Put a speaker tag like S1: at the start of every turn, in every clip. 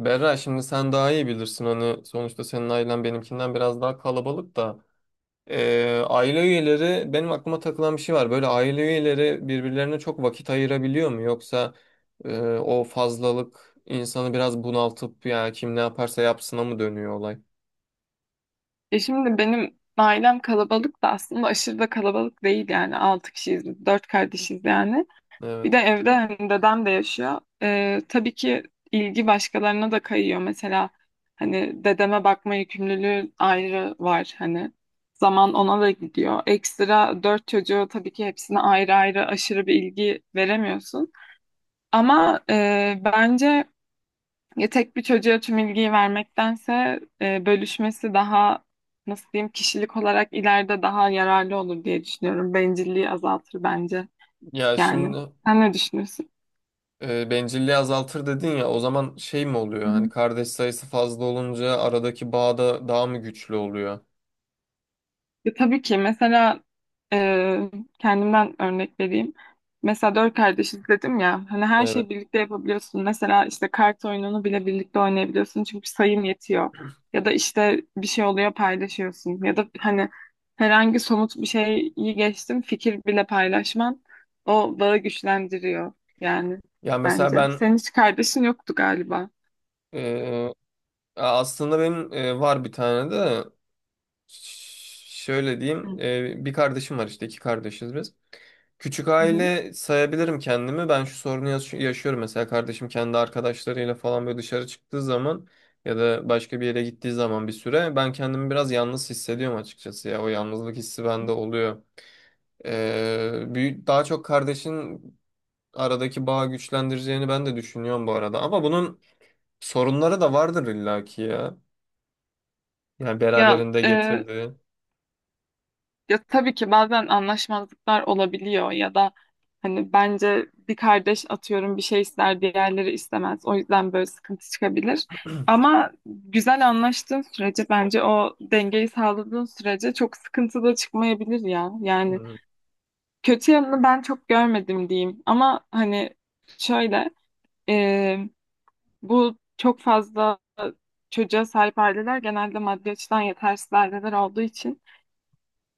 S1: Berra, şimdi sen daha iyi bilirsin, hani sonuçta senin ailen benimkinden biraz daha kalabalık da. Aile üyeleri, benim aklıma takılan bir şey var, böyle aile üyeleri birbirlerine çok vakit ayırabiliyor mu, yoksa o fazlalık insanı biraz bunaltıp ya kim ne yaparsa yapsına mı dönüyor olay?
S2: E şimdi benim ailem kalabalık da aslında aşırı da kalabalık değil yani. Altı kişiyiz, dört kardeşiz yani. Bir de
S1: Evet.
S2: evde hani dedem de yaşıyor. E, tabii ki ilgi başkalarına da kayıyor. Mesela hani dedeme bakma yükümlülüğü ayrı var hani. Zaman ona da gidiyor. Ekstra dört çocuğu tabii ki hepsine ayrı ayrı aşırı bir ilgi veremiyorsun. Ama bence ya tek bir çocuğa tüm ilgiyi vermektense bölüşmesi daha nasıl diyeyim kişilik olarak ileride daha yararlı olur diye düşünüyorum. Bencilliği azaltır bence
S1: Ya
S2: yani.
S1: şimdi
S2: Sen ne düşünüyorsun?
S1: bencilliği azaltır dedin ya, o zaman şey mi oluyor, hani kardeş sayısı fazla olunca aradaki bağ da daha mı güçlü oluyor?
S2: Ya tabii ki mesela e, kendimden örnek vereyim. Mesela dört kardeşiz dedim ya hani her
S1: Evet.
S2: şeyi birlikte yapabiliyorsun. Mesela işte kart oyununu bile birlikte oynayabiliyorsun çünkü sayım yetiyor. Ya da işte bir şey oluyor paylaşıyorsun. Ya da hani herhangi somut bir şeyi geçtim fikir bile paylaşman o bağı güçlendiriyor yani
S1: Ya mesela
S2: bence.
S1: ben
S2: Senin hiç kardeşin yoktu galiba.
S1: ee, aslında benim var bir tane de şöyle diyeyim,
S2: Hı
S1: bir kardeşim var işte, iki kardeşiz biz. Küçük
S2: hı.
S1: aile sayabilirim kendimi. Ben şu sorunu yaşıyorum mesela, kardeşim kendi arkadaşlarıyla falan böyle dışarı çıktığı zaman ya da başka bir yere gittiği zaman bir süre ben kendimi biraz yalnız hissediyorum açıkçası, ya o yalnızlık hissi bende oluyor. Büyük, daha çok kardeşin aradaki bağı güçlendireceğini ben de düşünüyorum bu arada, ama bunun sorunları da vardır illaki ya. Yani
S2: Ya
S1: beraberinde
S2: e,
S1: getirdi.
S2: Ya tabii ki bazen anlaşmazlıklar olabiliyor ya da hani bence bir kardeş atıyorum bir şey ister diğerleri istemez. O yüzden böyle sıkıntı çıkabilir. Ama güzel anlaştığın sürece bence o dengeyi sağladığın sürece çok sıkıntı da çıkmayabilir ya. Yani
S1: Hmm.
S2: kötü yanını ben çok görmedim diyeyim. Ama hani şöyle e, bu çok fazla çocuğa sahip aileler genelde maddi açıdan yetersiz aileler olduğu için.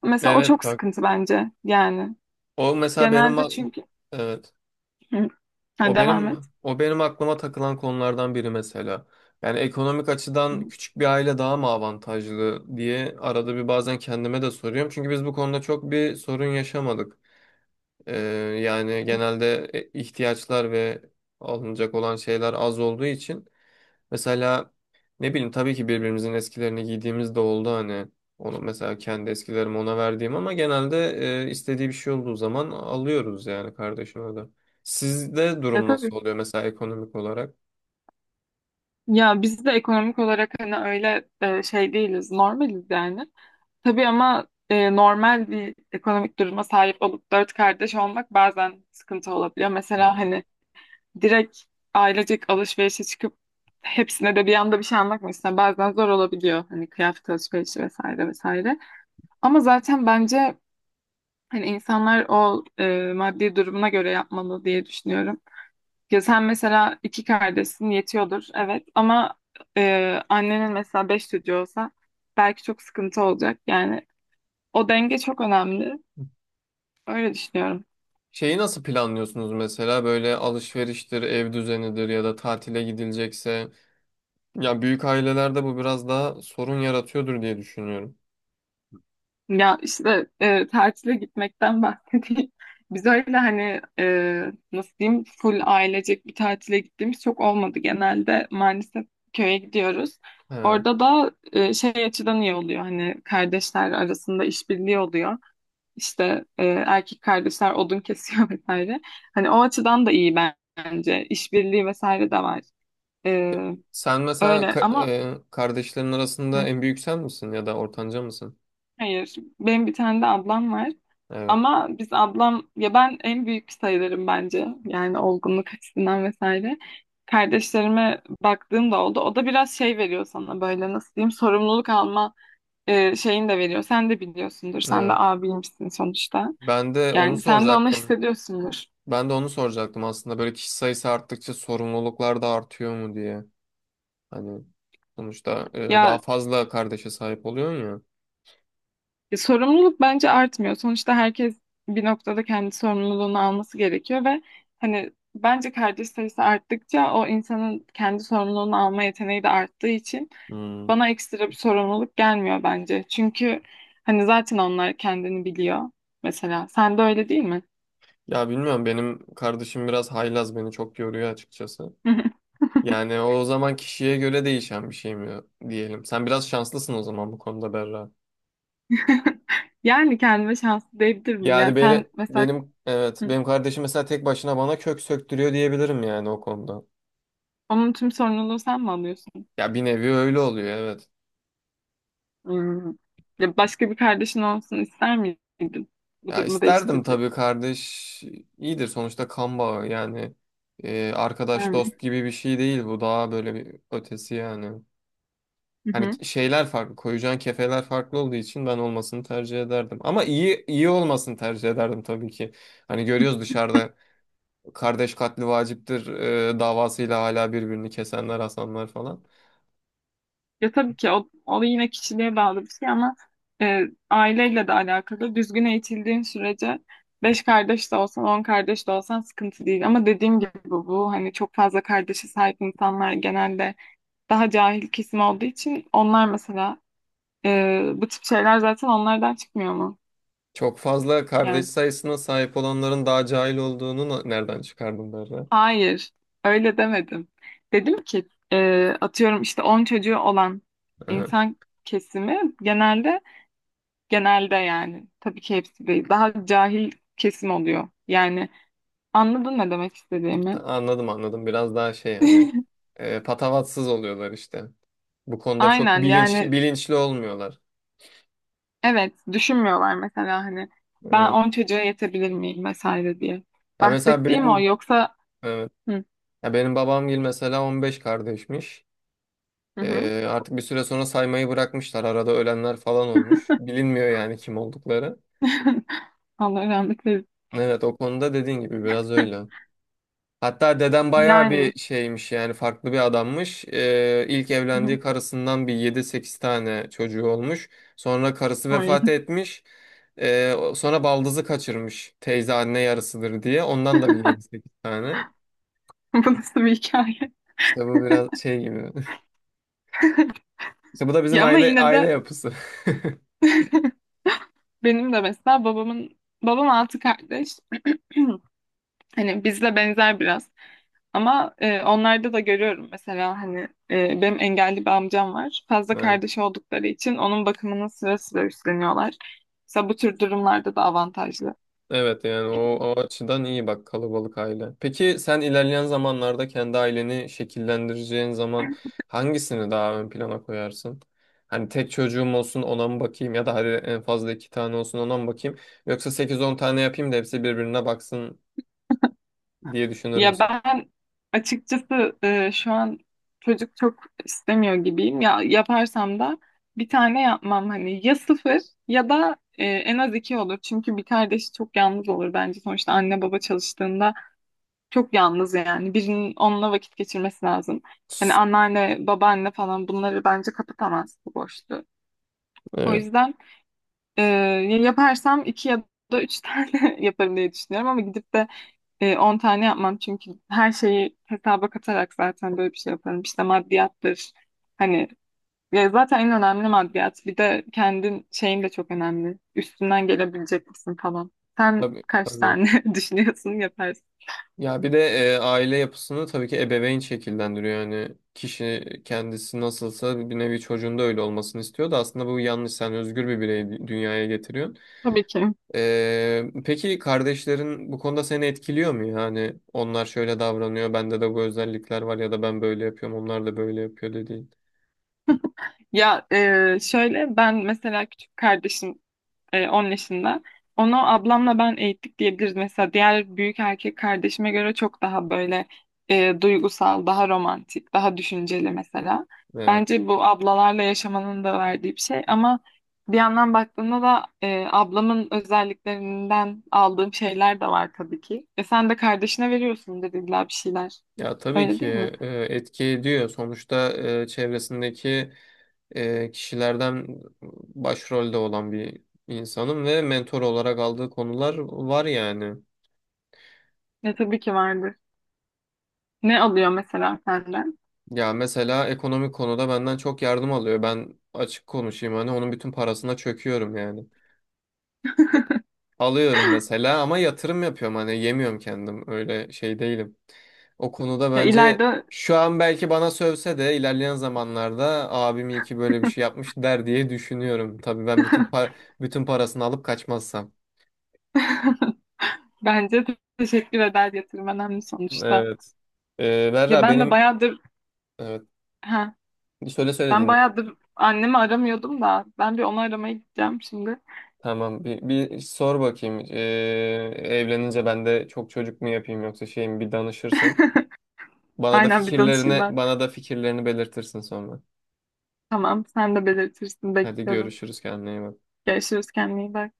S2: Mesela o
S1: Evet
S2: çok
S1: bak,
S2: sıkıntı bence yani.
S1: o mesela
S2: Genelde çünkü.
S1: evet
S2: Hı. Ha,
S1: o
S2: devam
S1: benim,
S2: et.
S1: o benim aklıma takılan konulardan biri mesela. Yani ekonomik
S2: Hı
S1: açıdan
S2: hı.
S1: küçük bir aile daha mı avantajlı diye arada bir bazen kendime de soruyorum. Çünkü biz bu konuda çok bir sorun yaşamadık. Ee, Yani genelde ihtiyaçlar ve alınacak olan şeyler az olduğu için mesela, ne bileyim, tabii ki birbirimizin eskilerini giydiğimiz de oldu hani. Onu mesela, kendi eskilerimi ona verdiğim, ama genelde istediği bir şey olduğu zaman alıyoruz yani kardeşime de. Sizde
S2: Ya
S1: durum
S2: tabii.
S1: nasıl oluyor mesela ekonomik olarak?
S2: Ya biz de ekonomik olarak hani öyle şey değiliz, normaliz yani. Tabii ama normal bir ekonomik duruma sahip olup dört kardeş olmak bazen sıkıntı olabiliyor. Mesela hani direkt ailecek alışverişe çıkıp hepsine de bir anda bir şey almak mesela. Bazen zor olabiliyor hani kıyafet alışverişi vesaire vesaire. Ama zaten bence hani insanlar o maddi durumuna göre yapmalı diye düşünüyorum. Ya sen mesela iki kardeşsin yetiyordur evet ama annenin mesela beş çocuğu olsa belki çok sıkıntı olacak. Yani o denge çok önemli. Öyle düşünüyorum.
S1: Şeyi nasıl planlıyorsunuz mesela, böyle alışveriştir, ev düzenidir ya da tatile gidilecekse? Ya büyük ailelerde bu biraz daha sorun yaratıyordur diye düşünüyorum.
S2: Ya işte tatile gitmekten bahsedeyim. Biz öyle hani nasıl diyeyim full ailecek bir tatile gittiğimiz çok olmadı. Genelde maalesef köye gidiyoruz.
S1: He.
S2: Orada da şey açıdan iyi oluyor hani kardeşler arasında işbirliği oluyor. İşte erkek kardeşler odun kesiyor vesaire. Hani o açıdan da iyi bence. İşbirliği vesaire de var. E,
S1: Sen mesela
S2: öyle ama.
S1: kardeşlerin arasında
S2: Hı.
S1: en büyük sen misin ya da ortanca mısın?
S2: Hayır. Benim bir tane de ablam var.
S1: Evet.
S2: Ama biz ablam ya ben en büyük sayılırım bence. Yani olgunluk açısından vesaire. Kardeşlerime baktığım da oldu. O da biraz şey veriyor sana böyle nasıl diyeyim sorumluluk alma şeyini de veriyor. Sen de biliyorsundur. Sen de
S1: Evet.
S2: abiymişsin sonuçta.
S1: Ben de onu
S2: Yani sen de onu
S1: soracaktım.
S2: hissediyorsundur.
S1: Ben de onu soracaktım aslında. Böyle kişi sayısı arttıkça sorumluluklar da artıyor mu diye. Hani sonuçta daha
S2: Ya
S1: fazla kardeşe sahip oluyorsun ya.
S2: Sorumluluk bence artmıyor. Sonuçta herkes bir noktada kendi sorumluluğunu alması gerekiyor ve hani bence kardeş sayısı arttıkça o insanın kendi sorumluluğunu alma yeteneği de arttığı için
S1: Hmm.
S2: bana ekstra bir sorumluluk gelmiyor bence. Çünkü hani zaten onlar kendini biliyor. Mesela sen de öyle değil mi?
S1: Ya bilmiyorum, benim kardeşim biraz haylaz, beni çok yoruyor açıkçası. Yani o zaman kişiye göre değişen bir şey mi diyelim. Sen biraz şanslısın o zaman bu konuda Berra.
S2: Yani kendime şanslı diyebilirim. Ya
S1: Yani
S2: sen mesela
S1: benim, evet
S2: hı,
S1: benim kardeşim mesela tek başına bana kök söktürüyor diyebilirim yani o konuda.
S2: onun tüm sorumluluğu sen mi alıyorsun?
S1: Ya bir nevi öyle oluyor, evet.
S2: Hmm. Ya başka bir kardeşin olsun ister miydin? Bu
S1: Ya
S2: durumu
S1: isterdim
S2: değiştirecek.
S1: tabii kardeş. İyidir sonuçta kan bağı yani. Arkadaş
S2: Yani.
S1: dost gibi bir şey değil bu. Daha böyle bir ötesi yani.
S2: Hı hı.
S1: Hani şeyler farklı, koyacağın kefeler farklı olduğu için ben olmasını tercih ederdim. Ama iyi iyi olmasını tercih ederdim tabii ki. Hani görüyoruz dışarıda, kardeş katli vaciptir davasıyla hala birbirini kesenler, asanlar falan.
S2: Ya tabii ki o yine kişiliğe bağlı bir şey ama e, aileyle de alakalı. Düzgün eğitildiğin sürece beş kardeş de olsan, 10 kardeş de olsan sıkıntı değil. Ama dediğim gibi bu hani çok fazla kardeşe sahip insanlar genelde daha cahil kesim olduğu için onlar mesela bu tip şeyler zaten onlardan çıkmıyor mu?
S1: Çok fazla kardeş
S2: Yani.
S1: sayısına sahip olanların daha cahil olduğunu nereden çıkardım derler.
S2: Hayır, öyle demedim. Dedim ki atıyorum işte 10 çocuğu olan insan kesimi genelde yani tabii ki hepsi değil daha cahil kesim oluyor. Yani anladın ne demek istediğimi?
S1: Anladım anladım. Biraz daha şey, hani patavatsız oluyorlar işte. Bu konuda çok
S2: Aynen yani
S1: bilinçli olmuyorlar.
S2: evet düşünmüyorlar mesela hani ben
S1: Evet.
S2: 10 çocuğa yetebilir miyim vesaire diye.
S1: Ya mesela
S2: Bahsettiğim o
S1: benim
S2: yoksa.
S1: evet.
S2: Hı
S1: Ya benim babam gibi mesela 15 kardeşmiş.
S2: hı. Hı.
S1: E, artık bir süre sonra saymayı bırakmışlar. Arada ölenler falan olmuş. Bilinmiyor yani kim oldukları.
S2: Allah rahmet eylesin.
S1: Evet, o konuda dediğin gibi biraz öyle. Hatta dedem bayağı
S2: Yani.
S1: bir şeymiş, yani farklı bir adammış. İlk
S2: Hı hı.
S1: evlendiği karısından bir yedi sekiz tane çocuğu olmuş. Sonra karısı
S2: Ay,
S1: vefat etmiş. Sonra baldızı kaçırmış. Teyze anne yarısıdır diye. Ondan da bir yedi sekiz tane.
S2: bu nasıl bir hikaye?
S1: İşte bu biraz şey gibi. İşte bu da bizim
S2: Ya ama yine
S1: aile
S2: de
S1: yapısı.
S2: benim de mesela babamın babam altı kardeş. Hani bizle benzer biraz. Ama onlarda da görüyorum mesela hani benim engelli bir amcam var. Fazla
S1: Evet.
S2: kardeş oldukları için onun bakımının sıra sıra üstleniyorlar. Mesela bu tür durumlarda da avantajlı.
S1: Evet yani o açıdan iyi bak kalabalık aile. Peki sen ilerleyen zamanlarda kendi aileni şekillendireceğin zaman hangisini daha ön plana koyarsın? Hani tek çocuğum olsun ona mı bakayım, ya da hadi en fazla iki tane olsun ona mı bakayım? Yoksa sekiz on tane yapayım da hepsi birbirine baksın diye düşünür
S2: Ya
S1: müsün?
S2: ben açıkçası şu an çocuk çok istemiyor gibiyim. Ya yaparsam da bir tane yapmam hani ya sıfır ya da en az iki olur. Çünkü bir kardeşi çok yalnız olur bence. Sonuçta anne baba çalıştığında çok yalnız yani. Birinin onunla vakit geçirmesi lazım. Hani anneanne, babaanne falan bunları bence kapatamaz bu boşluğu. O
S1: Evet.
S2: yüzden ya yaparsam iki ya da üç tane yaparım diye düşünüyorum ama gidip de 10 tane yapmam çünkü her şeyi hesaba katarak zaten böyle bir şey yaparım. İşte maddiyattır. Hani ya zaten en önemli maddiyat. Bir de kendin şeyin de çok önemli. Üstünden gelebilecek misin falan. Sen
S1: Tabii
S2: kaç
S1: tabii.
S2: tane düşünüyorsun yaparsın.
S1: Ya bir de aile yapısını tabii ki ebeveyn şekillendiriyor. Yani kişi kendisi nasılsa bir nevi çocuğunda öyle olmasını istiyor da, aslında bu yanlış. Sen özgür bir bireyi dünyaya getiriyorsun.
S2: Tabii ki.
S1: Peki kardeşlerin bu konuda seni etkiliyor mu? Yani onlar şöyle davranıyor, bende de bu özellikler var, ya da ben böyle yapıyorum, onlar da böyle yapıyor dediğin.
S2: Ya şöyle ben mesela küçük kardeşim 10 yaşında. Onu ablamla ben eğittik diyebiliriz. Mesela diğer büyük erkek kardeşime göre çok daha böyle duygusal, daha romantik, daha düşünceli mesela.
S1: Evet.
S2: Bence bu ablalarla yaşamanın da verdiği bir şey ama bir yandan baktığında da ablamın özelliklerinden aldığım şeyler de var tabii ki. E sen de kardeşine veriyorsun dediler bir şeyler.
S1: Ya tabii
S2: Öyle
S1: ki
S2: değil mi?
S1: etki ediyor. Sonuçta çevresindeki kişilerden başrolde olan bir insanım ve mentor olarak aldığı konular var yani.
S2: Ya tabii ki vardır. Ne alıyor mesela senden?
S1: Ya mesela ekonomik konuda benden çok yardım alıyor. Ben açık konuşayım, hani onun bütün parasına çöküyorum yani. Alıyorum mesela ama yatırım yapıyorum, hani yemiyorum kendim, öyle şey değilim. O konuda
S2: Ya
S1: bence
S2: ileride.
S1: şu an belki bana sövse de ilerleyen zamanlarda abim iyi ki böyle bir şey yapmış der diye düşünüyorum. Tabii ben bütün parasını alıp kaçmazsam.
S2: Bence de teşekkür eder yatırım önemli sonuçta.
S1: Evet.
S2: Ya
S1: Berra,
S2: ben de
S1: benim
S2: bayağıdır
S1: evet,
S2: ha
S1: söyle söyle,
S2: ben
S1: dinle.
S2: bayağıdır annemi aramıyordum da ben bir onu aramaya gideceğim şimdi.
S1: Tamam bir sor bakayım. Evlenince ben de çok çocuk mu yapayım yoksa şey mi, bir danışırsın.
S2: Aynen bir danışayım ben.
S1: Bana da fikirlerini belirtirsin sonra.
S2: Tamam sen de belirtirsin
S1: Hadi
S2: bekliyorum.
S1: görüşürüz, kendine iyi bak.
S2: Görüşürüz kendine iyi bak.